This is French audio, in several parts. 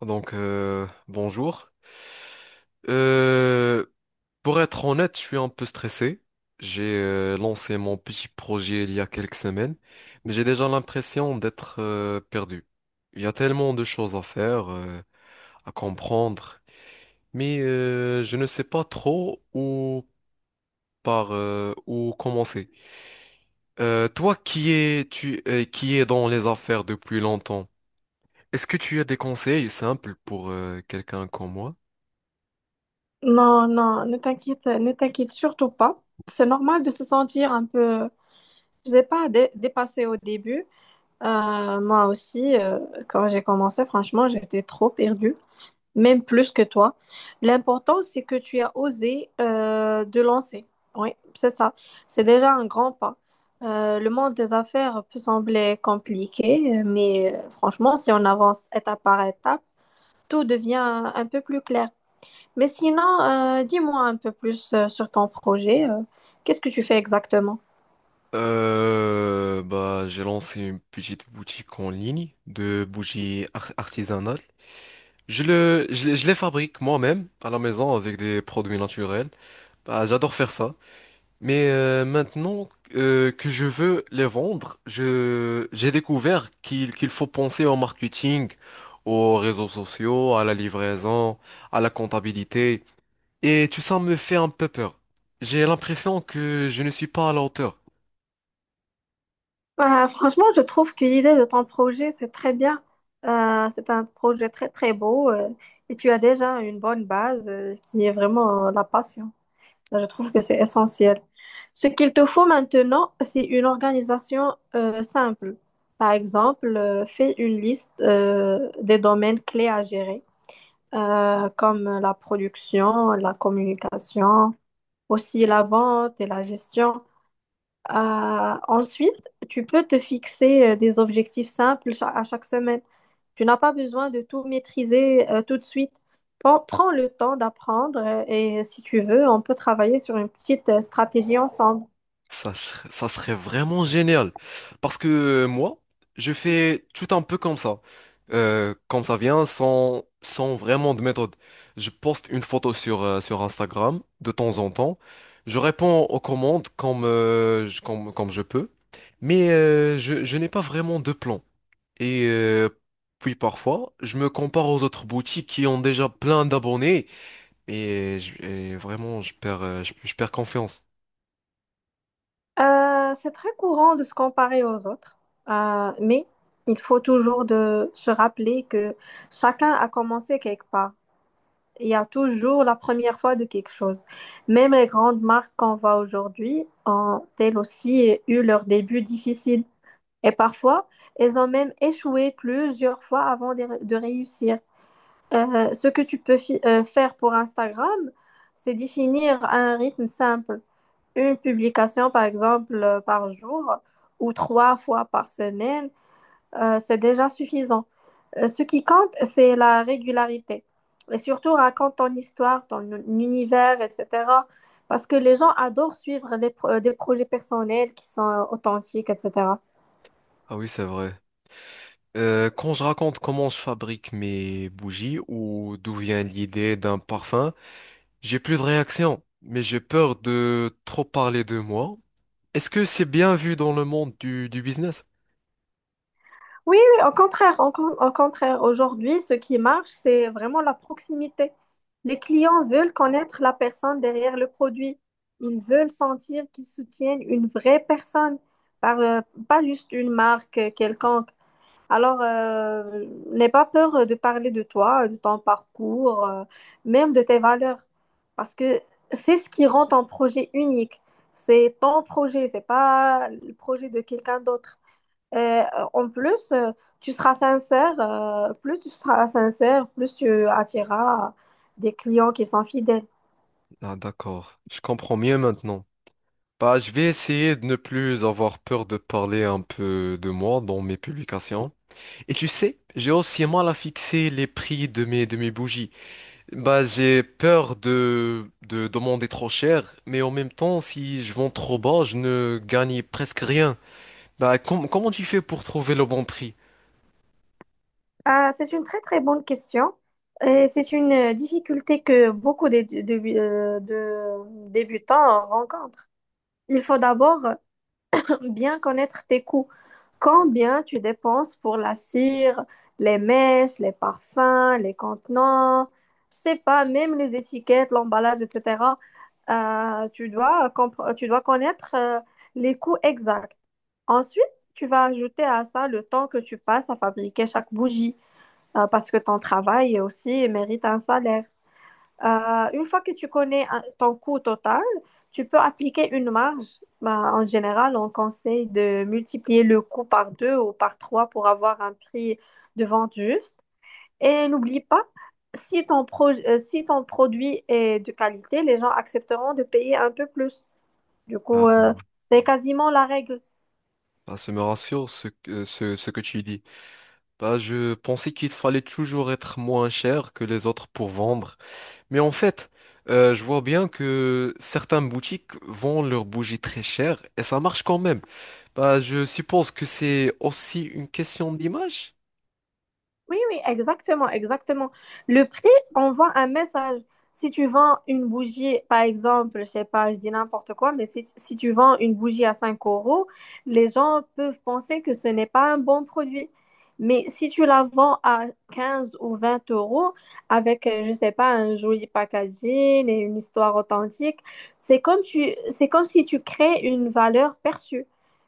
Bonjour. Euh, pour être honnête, je suis un peu stressé. J'ai lancé mon petit projet il y a quelques semaines, mais j'ai déjà l'impression d'être perdu. Il y a tellement de choses à faire, à comprendre, mais je ne sais pas trop où commencer. Toi qui es tu qui es dans les affaires depuis longtemps, est-ce que tu as des conseils simples pour quelqu'un comme moi? Non, non, ne t'inquiète surtout pas. C'est normal de se sentir un peu, je sais pas, dépassé au début. Moi aussi, quand j'ai commencé, franchement, j'étais trop perdue, même plus que toi. L'important, c'est que tu as osé de lancer. Oui, c'est ça. C'est déjà un grand pas. Le monde des affaires peut sembler compliqué, mais franchement, si on avance étape par étape, tout devient un peu plus clair. Mais sinon, dis-moi un peu plus sur ton projet. Qu'est-ce que tu fais exactement? Bah, j'ai lancé une petite boutique en ligne de bougies artisanales. Je les fabrique moi-même à la maison avec des produits naturels. Bah, j'adore faire ça. Mais maintenant que je veux les vendre, j'ai découvert qu'il faut penser au marketing, aux réseaux sociaux, à la livraison, à la comptabilité. Et tout ça me fait un peu peur. J'ai l'impression que je ne suis pas à la hauteur. Bah, franchement, je trouve que l'idée de ton projet, c'est très bien. C'est un projet très, très beau et tu as déjà une bonne base qui est vraiment la passion. Je trouve que c'est essentiel. Ce qu'il te faut maintenant, c'est une organisation simple. Par exemple, fais une liste des domaines clés à gérer, comme la production, la communication, aussi la vente et la gestion. Euh, ensuite, tu peux te fixer des objectifs simples à chaque semaine. Tu n'as pas besoin de tout maîtriser tout de suite. Prends le temps d'apprendre et si tu veux, on peut travailler sur une petite stratégie ensemble. Ça serait vraiment génial. Parce que moi, je fais tout un peu comme ça. Comme ça vient, sans vraiment de méthode. Je poste une photo sur Instagram de temps en temps. Je réponds aux commandes comme je peux. Mais euh, je n'ai pas vraiment de plan. Et puis parfois, je me compare aux autres boutiques qui ont déjà plein d'abonnés. Et vraiment, je je perds confiance. C'est très courant de se comparer aux autres, mais il faut toujours de se rappeler que chacun a commencé quelque part. Il y a toujours la première fois de quelque chose. Même les grandes marques qu'on voit aujourd'hui ont elles aussi eu leur début difficile. Et parfois, elles ont même échoué plusieurs fois avant de réussir. Ce que tu peux faire pour Instagram, c'est définir un rythme simple. Une publication, par exemple, par jour ou trois fois par semaine c'est déjà suffisant. Ce qui compte, c'est la régularité. Et surtout, raconte ton histoire, ton univers, etc. Parce que les gens adorent suivre les des projets personnels qui sont authentiques, etc. Ah oui, c'est vrai. Quand je raconte comment je fabrique mes bougies ou d'où vient l'idée d'un parfum, j'ai plus de réaction, mais j'ai peur de trop parler de moi. Est-ce que c'est bien vu dans le monde du business? Oui, oui, au contraire, au contraire, aujourd'hui, ce qui marche, c'est vraiment la proximité. Les clients veulent connaître la personne derrière le produit. Ils veulent sentir qu'ils soutiennent une vraie personne, par, euh, pas juste une marque quelconque. Alors, n'aie pas peur de parler de toi, de ton parcours, même de tes valeurs, parce que c'est ce qui rend ton projet unique. C'est ton projet, c'est pas le projet de quelqu'un d'autre. Et, en plus, plus tu seras sincère, plus tu attireras des clients qui sont fidèles. Ah, d'accord, je comprends mieux maintenant. Bah, je vais essayer de ne plus avoir peur de parler un peu de moi dans mes publications. Et tu sais, j'ai aussi mal à fixer les prix de mes bougies. Bah, j'ai peur de demander trop cher, mais en même temps, si je vends trop bas, je ne gagne presque rien. Bah, comment tu fais pour trouver le bon prix? Ah, c'est une très très bonne question. Et c'est une difficulté que beaucoup de débutants rencontrent. Il faut d'abord bien connaître tes coûts. Combien tu dépenses pour la cire, les mèches, les parfums, les contenants, je sais pas, même les étiquettes, l'emballage, etc. Tu dois connaître les coûts exacts. Ensuite, tu vas ajouter à ça le temps que tu passes à fabriquer chaque bougie, parce que ton travail aussi mérite un salaire. Une fois que tu connais ton coût total, tu peux appliquer une marge. Bah, en général, on conseille de multiplier le coût par deux ou par trois pour avoir un prix de vente juste. Et n'oublie pas, si si ton produit est de qualité, les gens accepteront de payer un peu plus. Du coup, Ah, c'est quasiment la règle. bah, ça me rassure ce que tu dis. Bah, je pensais qu'il fallait toujours être moins cher que les autres pour vendre. Mais en fait, je vois bien que certaines boutiques vendent leurs bougies très chères et ça marche quand même. Bah, je suppose que c'est aussi une question d'image. Oui, oui, exactement, exactement. Le prix envoie un message. Si tu vends une bougie, par exemple, je sais pas, je dis n'importe quoi, mais si tu vends une bougie à 5 euros, les gens peuvent penser que ce n'est pas un bon produit. Mais si tu la vends à 15 ou 20 euros avec, je sais pas, un joli packaging et une histoire authentique, c'est comme si tu crées une valeur perçue.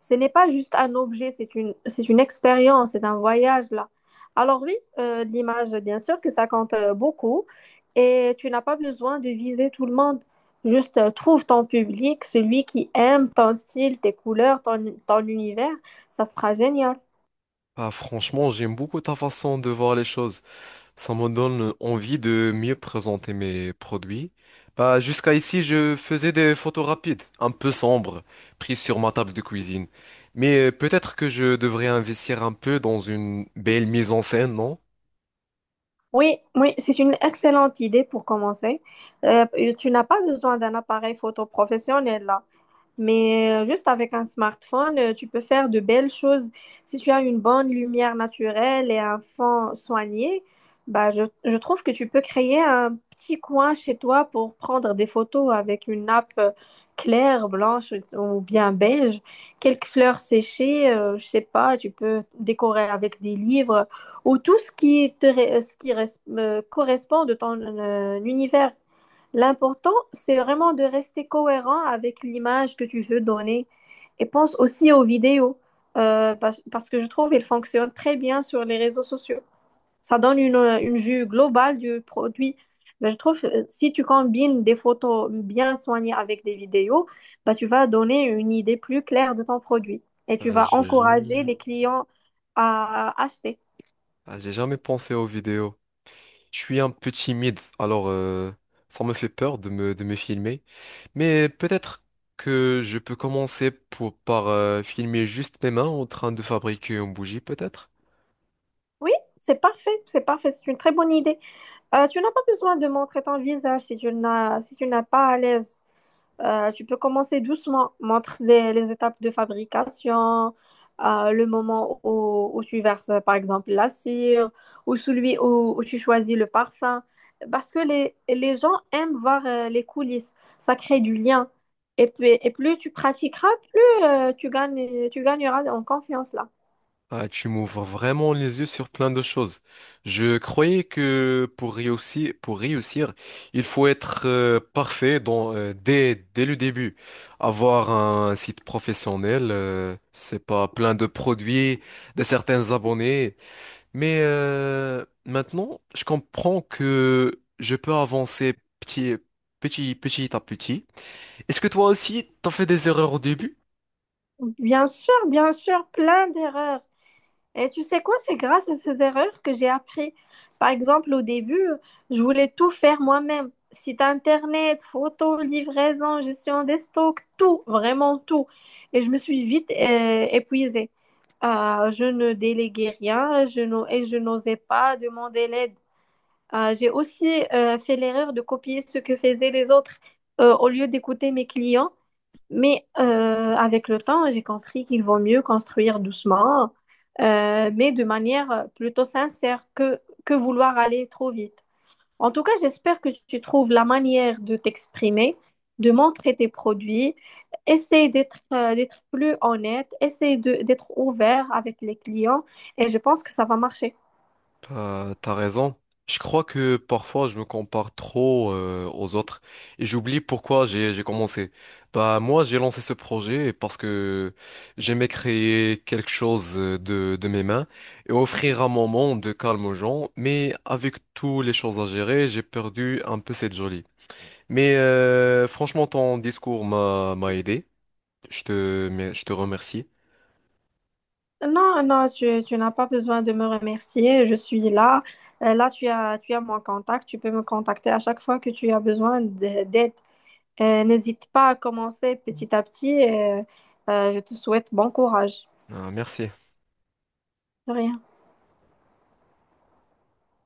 Ce n'est pas juste un objet, c'est une expérience, c'est un voyage là. Alors oui, l'image, bien sûr que ça compte beaucoup et tu n'as pas besoin de viser tout le monde. Juste trouve ton public, celui qui aime ton style, tes couleurs, ton univers, ça sera génial. Ah, franchement, j'aime beaucoup ta façon de voir les choses. Ça me donne envie de mieux présenter mes produits. Bah, jusqu'à ici, je faisais des photos rapides, un peu sombres, prises sur ma table de cuisine. Mais peut-être que je devrais investir un peu dans une belle mise en scène, non? Oui, oui, c'est une excellente idée pour commencer. Euh, tu n'as pas besoin d'un appareil photo professionnel là. Mais juste avec un smartphone, tu peux faire de belles choses. Si tu as une bonne lumière naturelle et un fond soigné, bah, je trouve que tu peux créer un petit coin chez toi pour prendre des photos avec une nappe claire, blanche ou bien beige, quelques fleurs séchées, je sais pas, tu peux décorer avec des livres ou tout ce qui te, ré- ce qui res- correspond de ton univers. L'important, c'est vraiment de rester cohérent avec l'image que tu veux donner. Et pense aussi aux vidéos, parce que je trouve qu'elles fonctionnent très bien sur les réseaux sociaux. Ça donne une vue globale du produit. Ben, je trouve que si tu combines des photos bien soignées avec des vidéos, ben, tu vas donner une idée plus claire de ton produit et tu Ah, vas j'ai encourager jamais... les clients à acheter. ah, j'ai jamais pensé aux vidéos. Je suis un peu timide, alors ça me fait peur de me filmer. Mais peut-être que je peux commencer par filmer juste mes mains en train de fabriquer une bougie, peut-être? Oui, c'est parfait, c'est parfait, c'est une très bonne idée. Tu n'as pas besoin de montrer ton visage si tu n'es pas à l'aise. Tu peux commencer doucement. Montre les étapes de fabrication, le moment où tu verses, par exemple, la cire, ou celui où tu choisis le parfum. Parce que les gens aiment voir les coulisses. Ça crée du lien. Et puis, et plus tu pratiqueras, plus tu gagneras en confiance là. Ah, tu m'ouvres vraiment les yeux sur plein de choses. Je croyais que pour réussir, il faut être parfait dès le début. Avoir un site professionnel, c'est pas plein de produits, de certains abonnés. Mais maintenant, je comprends que je peux avancer petit, petit à petit. Est-ce que toi aussi, t'as fait des erreurs au début? Bien sûr, plein d'erreurs. Et tu sais quoi, c'est grâce à ces erreurs que j'ai appris. Par exemple, au début, je voulais tout faire moi-même. Site internet, photos, livraison, gestion des stocks, tout, vraiment tout. Et je me suis vite épuisée. Je ne déléguais rien et je n'osais pas demander l'aide. J'ai aussi fait l'erreur de copier ce que faisaient les autres au lieu d'écouter mes clients. Mais avec le temps, j'ai compris qu'il vaut mieux construire doucement, mais de manière plutôt sincère que vouloir aller trop vite. En tout cas, j'espère que tu trouves la manière de t'exprimer, de montrer tes produits. Essaye d'être plus honnête, essaye d'être ouvert avec les clients et je pense que ça va marcher. T'as raison. Je crois que parfois, je me compare trop aux autres et j'oublie pourquoi j'ai commencé. Bah moi, j'ai lancé ce projet parce que j'aimais créer quelque chose de mes mains et offrir un moment de calme aux gens. Mais avec toutes les choses à gérer, j'ai perdu un peu cette jolie. Mais franchement, ton discours m'a aidé. Mais je te remercie. Non, non, tu n'as pas besoin de me remercier. Je suis là. Là, tu as mon contact. Tu peux me contacter à chaque fois que tu as besoin d'aide. N'hésite pas à commencer petit à petit. Et, je te souhaite bon courage. Ah, merci. De rien.